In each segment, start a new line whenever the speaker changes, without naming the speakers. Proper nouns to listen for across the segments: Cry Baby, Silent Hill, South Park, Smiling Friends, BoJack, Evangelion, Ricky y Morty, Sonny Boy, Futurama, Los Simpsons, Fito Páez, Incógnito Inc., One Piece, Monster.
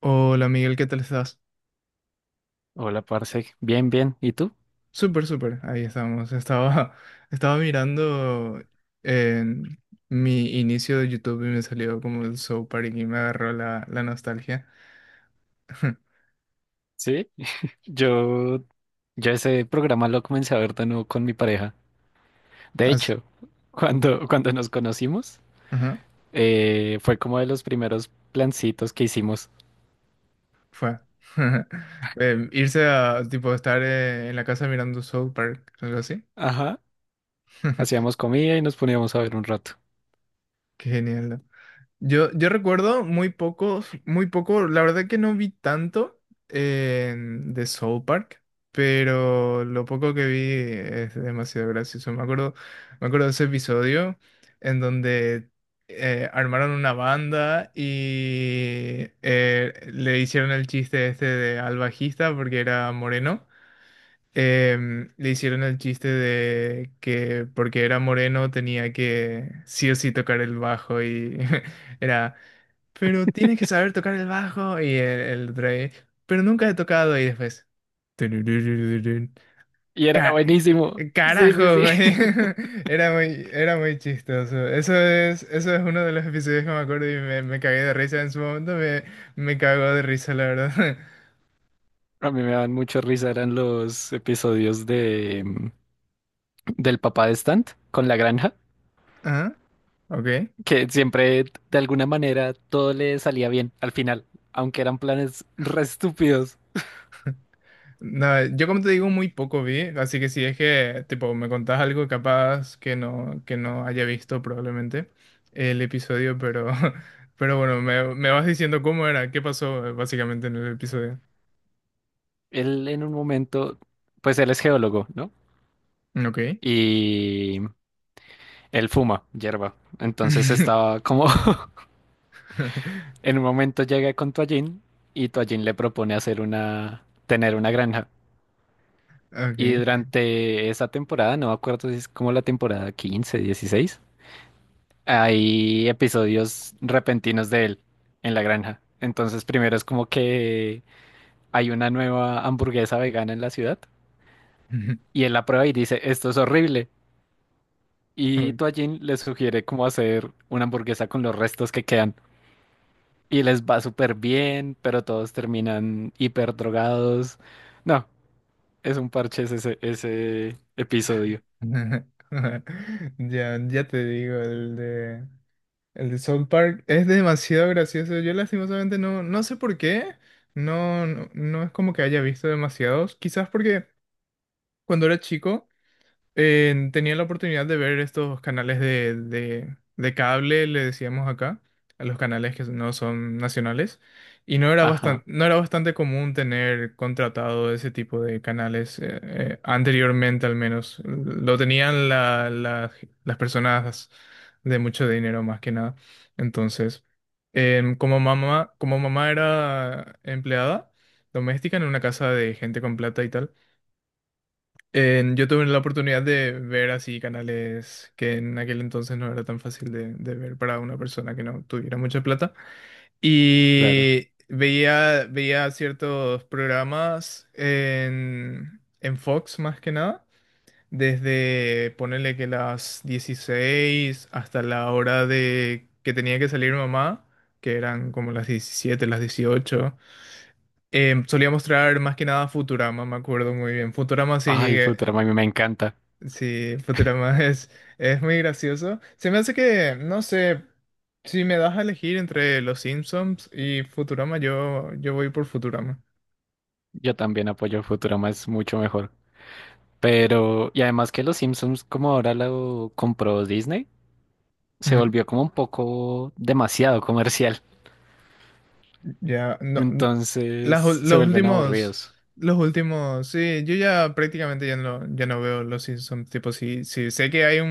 Hola Miguel, ¿qué tal estás?
Hola, parce. Bien, bien. ¿Y tú?
Súper, súper, ahí estamos. Estaba, estaba mirando en mi inicio de YouTube y me salió como el Soul Park y me agarró la nostalgia.
Sí. Yo, yo ese programa lo comencé a ver de nuevo con mi pareja. De
As-
hecho, cuando nos conocimos,
ajá,
fue como de los primeros plancitos que hicimos.
fue. Irse a, tipo, estar en la casa mirando Soul Park, algo así.
Ajá. Hacíamos comida y nos poníamos a ver un rato.
Qué genial. Yo recuerdo muy pocos, muy poco, la verdad que no vi tanto de Soul Park, pero lo poco que vi es demasiado gracioso. Me acuerdo de ese episodio en donde armaron una banda y le hicieron el chiste este de, al bajista porque era moreno. Le hicieron el chiste de que porque era moreno tenía que sí o sí tocar el bajo y era pero tienes que saber tocar el bajo y el Dre, pero nunca he tocado y después. Turururururun.
Y era
Ca-
buenísimo. Sí, sí,
Carajo,
sí.
güey. Era muy chistoso. Eso es uno de los episodios que me acuerdo y me cagué de risa en su momento. Me cagó de risa, la verdad.
A mí me daban mucho risa, eran los episodios del papá de Stant con la granja,
Ah, ok.
que siempre de alguna manera todo le salía bien al final, aunque eran planes re estúpidos.
Nada, yo como te digo, muy poco vi, así que si es que, tipo, me contás algo capaz que no, haya visto probablemente el episodio, pero, pero bueno, me vas diciendo cómo era, qué pasó básicamente en el episodio.
Él en un momento, pues él es geólogo, ¿no?
Ok.
Y él fuma hierba. Entonces estaba como en un momento llega con Toallín y Toallín le propone tener una granja. Y
Ok.
durante esa temporada, no me acuerdo si es como la temporada 15 dieciséis, hay episodios repentinos de él en la granja. Entonces primero es como que hay una nueva hamburguesa vegana en la ciudad y él la prueba y dice, esto es horrible. Y
Ok.
Toallín les sugiere cómo hacer una hamburguesa con los restos que quedan. Y les va súper bien, pero todos terminan hiper drogados. No, es un parche ese episodio.
Ya, ya te digo, el de South Park es demasiado gracioso. Yo lastimosamente no sé por qué. No, no, no es como que haya visto demasiados. Quizás porque cuando era chico, tenía la oportunidad de ver estos canales de, de cable, le decíamos acá, a los canales que no son nacionales, y no era bastante,
Ajá,
no era bastante común tener contratado ese tipo de canales, anteriormente al menos. Lo tenían las personas de mucho dinero más que nada. Entonces, como mamá, era empleada doméstica en una casa de gente con plata y tal. Yo tuve la oportunidad de ver así canales que en aquel entonces no era tan fácil de, ver para una persona que no tuviera mucha plata.
claro.
Y veía ciertos programas en Fox más que nada, desde ponerle que las 16 hasta la hora de que tenía que salir mamá, que eran como las 17 las 18. Solía mostrar más que nada Futurama, me acuerdo muy bien. Futurama sí
Ay,
llegué.
Futurama, a mí me encanta.
Sí, Futurama es muy gracioso. Se me hace que, no sé, si me das a elegir entre Los Simpsons y Futurama, yo voy por Futurama.
Yo también apoyo Futurama, es mucho mejor. Pero, y además que los Simpsons, como ahora lo compró Disney, se
Ujú.
volvió como un poco demasiado comercial.
Ya, no, n-
Entonces
las ul-
se vuelven aburridos.
los últimos, sí, yo ya prácticamente ya no, veo Los Simpsons. Tipo, sí sí sé que hay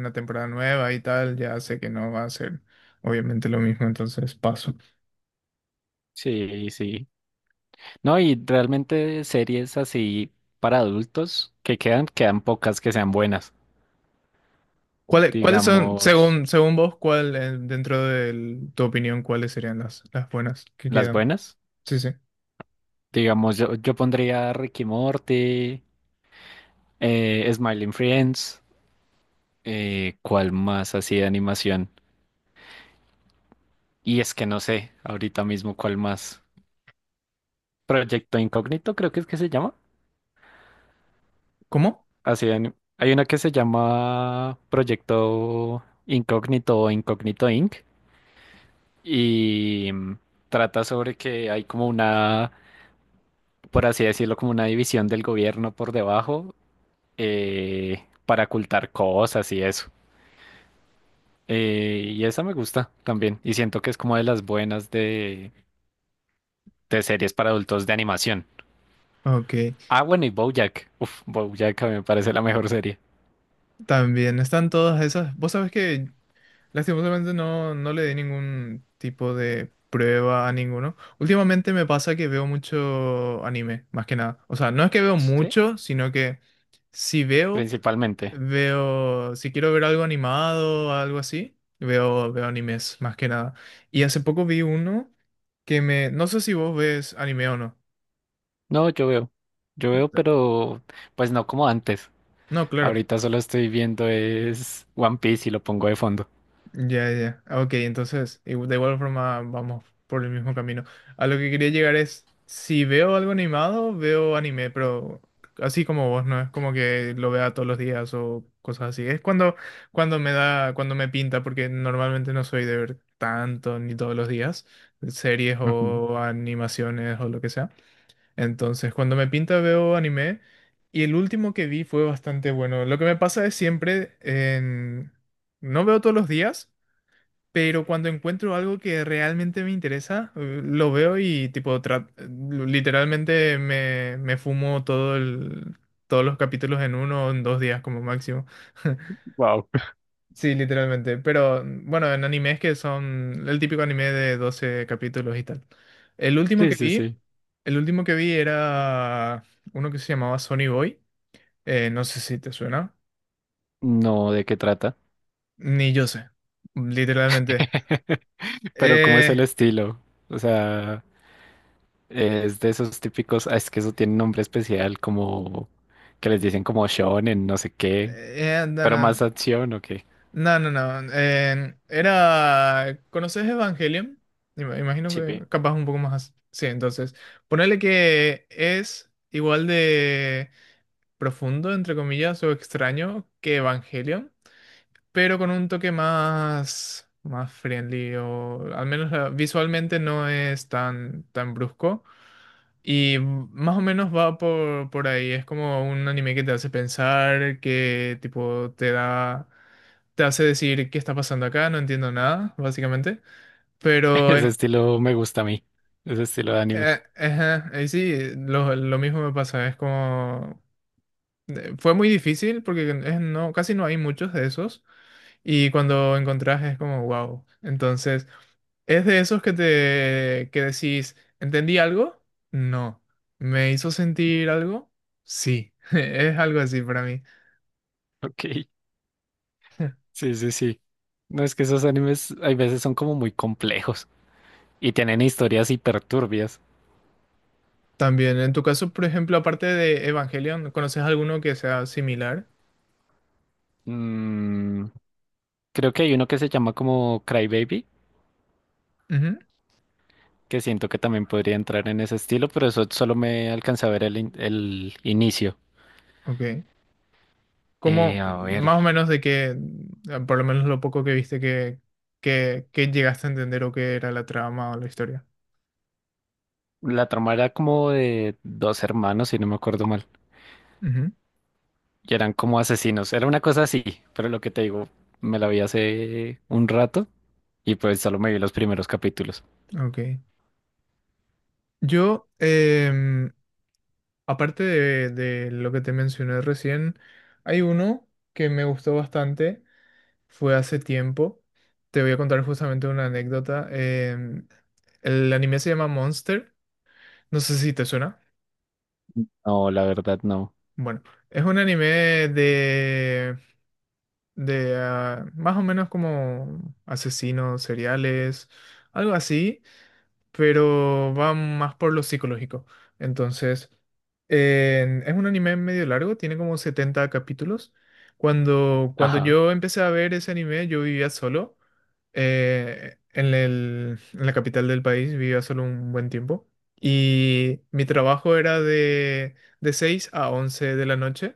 una temporada nueva y tal, ya sé que no va a ser obviamente lo mismo, entonces paso.
Sí, sí. No, y realmente series así para adultos que quedan, quedan pocas que sean buenas.
¿Cuáles son,
Digamos,
según vos, cuál, dentro de tu opinión, cuáles serían las buenas que
las
quedan?
buenas.
Sí, sí.
Digamos, yo pondría Ricky y Morty, Smiling Friends, ¿cuál más así de animación? Y es que no sé ahorita mismo cuál más. Proyecto Incógnito, creo que es que se llama.
¿Cómo?
Así de ani- hay una que se llama Proyecto Incógnito o Incógnito Inc. y trata sobre que hay como una, por así decirlo, como una división del gobierno por debajo, para ocultar cosas y eso. Y esa me gusta también. Y siento que es como de las buenas de series para adultos de animación.
Ok.
Ah, bueno, y BoJack. Uf, BoJack a mí me parece la mejor serie.
También están todas esas. Vos sabés que lastimosamente no le di ningún tipo de prueba a ninguno. Últimamente me pasa que veo mucho anime, más que nada. O sea, no es que veo
Sí,
mucho, sino que si veo,
principalmente.
si quiero ver algo animado o algo así, veo animes, más que nada. Y hace poco vi uno No sé si vos ves anime o no.
No, yo veo. Yo veo, pero pues no como antes.
No, claro.
Ahorita solo estoy viendo es One Piece y lo pongo de fondo.
Ya, ya. Ah, ok, entonces, de igual forma vamos por el mismo camino. A lo que quería llegar es, si veo algo animado, veo anime, pero así como vos, no es como que lo vea todos los días o cosas así. Es cuando, cuando me da, cuando me pinta, porque normalmente no soy de ver tanto ni todos los días, series o animaciones o lo que sea. Entonces, cuando me pinta veo anime y el último que vi fue bastante bueno. Lo que me pasa es siempre en. No veo todos los días, pero cuando encuentro algo que realmente me interesa, lo veo y tipo literalmente me fumo todos los capítulos en uno o en dos días como máximo.
Wow.
Sí, literalmente. Pero bueno, en animes que son el típico anime de 12 capítulos y tal. El último
Sí,
que
sí,
vi,
sí.
el último que vi era uno que se llamaba Sonny Boy. No sé si te suena.
No, ¿de qué trata?
Ni yo sé. Literalmente.
Pero, ¿cómo es el
Eh,
estilo? O sea, es de esos típicos, ah, es que eso tiene un nombre especial, como que les dicen como shonen, no sé qué,
no,
pero
no,
más
no,
acción o qué.
no, no, no, era. ¿Conoces Evangelion? Imagino
Sí, pi.
que capaz un poco más. Sí, entonces ponerle que es igual de profundo, entre comillas, o extraño que Evangelion, pero con un toque más, más friendly, o al menos visualmente no es tan, tan brusco. Y más o menos va por, ahí. Es como un anime que te hace pensar, que tipo te da, te hace decir qué está pasando acá, no entiendo nada, básicamente. Pero
Ese
es,
estilo me gusta a mí, ese estilo de animes.
ajá, y sí, lo mismo me pasa. Es como fue muy difícil porque no, casi no hay muchos de esos. Y cuando encontrás es como, wow. Entonces, ¿es de esos que te que decís, ¿entendí algo? No. ¿Me hizo sentir algo? Sí. Es algo así para mí.
Ok, sí, sí, sí. No, es que esos animes hay veces son como muy complejos y tienen historias hiperturbias.
También, en tu caso, por ejemplo, aparte de Evangelion, ¿conoces alguno que sea similar?
Mm, creo que hay uno que se llama como Cry Baby,
Ujú,
que siento que también podría entrar en ese estilo, pero eso solo me alcanza a ver el, in- el inicio.
ok. ¿Cómo,
A ver,
más o menos de que, por lo menos lo poco que viste que llegaste a entender o qué era la trama o la historia?
la trama era como de dos hermanos, si no me acuerdo mal,
Ujú,
y eran como asesinos, era una cosa así, pero lo que te digo, me la vi hace un rato y pues solo me vi los primeros capítulos.
ok. Yo, aparte de lo que te mencioné recién, hay uno que me gustó bastante, fue hace tiempo. Te voy a contar justamente una anécdota. El anime se llama Monster, no sé si te suena.
No, la verdad no.
Bueno, es un anime de, más o menos como asesinos seriales, algo así, pero va más por lo psicológico. Entonces, es un anime medio largo, tiene como 70 capítulos. Cuando
Ajá.
yo empecé a ver ese anime, yo vivía solo. En en la capital del país vivía solo un buen tiempo. Y mi trabajo era de, 6 a 11 de la noche.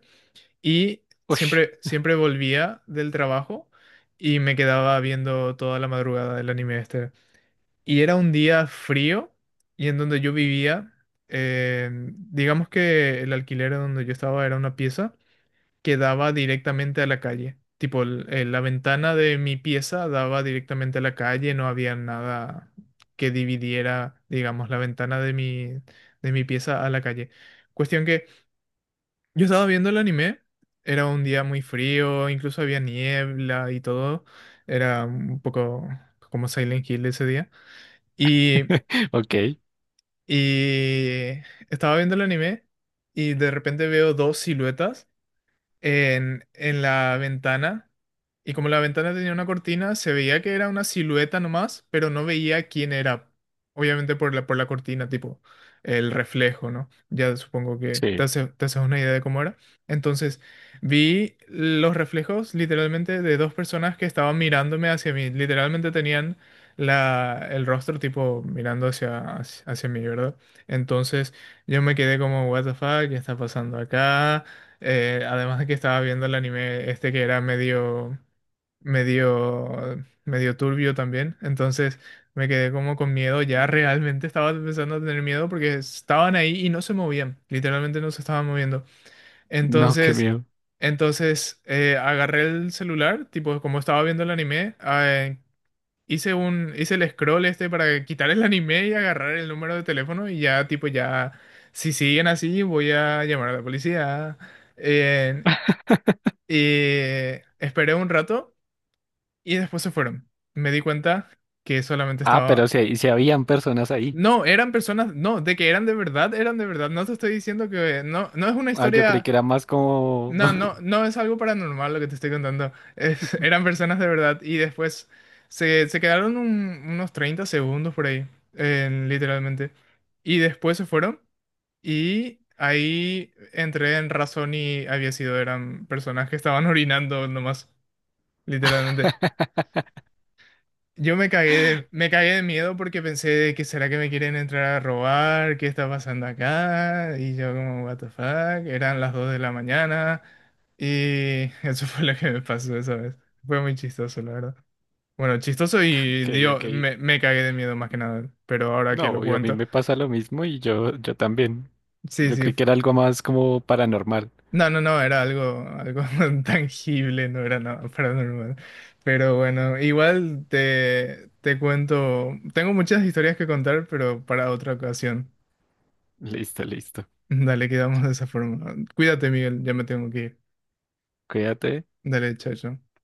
Y
Ush.
siempre volvía del trabajo y me quedaba viendo toda la madrugada el anime este. Y era un día frío y en donde yo vivía, eh, digamos que el alquiler donde yo estaba era una pieza que daba directamente a la calle. Tipo, la ventana de mi pieza daba directamente a la calle, no había nada que dividiera, digamos, la ventana de mi, pieza a la calle. Cuestión que yo estaba viendo el anime, era un día muy frío, incluso había niebla y todo, era un poco como Silent Hill ese día. Y
Ok,
Y estaba viendo el anime y de repente veo dos siluetas en, la ventana. Y como la ventana tenía una cortina, se veía que era una silueta nomás, pero no veía quién era. Obviamente por la cortina, tipo el reflejo, ¿no? Ya supongo que te
sí.
te haces una idea de cómo era. Entonces, vi los reflejos literalmente de dos personas que estaban mirándome hacia mí. Literalmente tenían la, el rostro tipo mirando hacia, hacia mí, ¿verdad? Entonces, yo me quedé como, what the fuck, ¿qué está pasando acá? Además de que estaba viendo el anime este que era medio turbio también. Entonces me quedé como con miedo. Ya realmente estaba empezando a tener miedo porque estaban ahí y no se movían. Literalmente no se estaban moviendo.
No, qué
Entonces,
miedo.
agarré el celular, tipo como estaba viendo el anime, hice hice el scroll este para quitar el anime y agarrar el número de teléfono y ya tipo ya, si siguen así voy a llamar a la policía. Eh, y esperé un rato y después se fueron. Me di cuenta que solamente
Ah, pero
estaba.
si, si habían personas ahí.
No, eran personas, no, de que eran de verdad, eran de verdad. No te estoy diciendo que no, no es una
Ah, yo creí
historia,
que era más como...
no, no, no es algo paranormal lo que te estoy contando. Es, eran personas de verdad y después se quedaron unos 30 segundos por ahí, literalmente. Y después se fueron y ahí entré en razón y había sido, eran personas que estaban orinando nomás, literalmente. Yo me cagué de, me, cagué de miedo porque pensé de que será que me quieren entrar a robar, qué está pasando acá, y yo como, what the fuck, eran las 2 de la mañana, y eso fue lo que me pasó esa vez. Fue muy chistoso, la verdad. Bueno, chistoso y
Ok,
dio,
ok.
me cagué de miedo más que nada, pero ahora que lo
No, y a mí
cuento,
me pasa lo mismo y yo también.
sí,
Yo
sí.
creí que era algo más como paranormal.
No, no, no, era algo, algo tangible, no era nada paranormal. Pero bueno, igual te, cuento, tengo muchas historias que contar, pero para otra ocasión.
Listo, listo.
Dale, quedamos de esa forma. Cuídate, Miguel, ya me tengo que ir.
Cuídate.
Dale, chao, chao.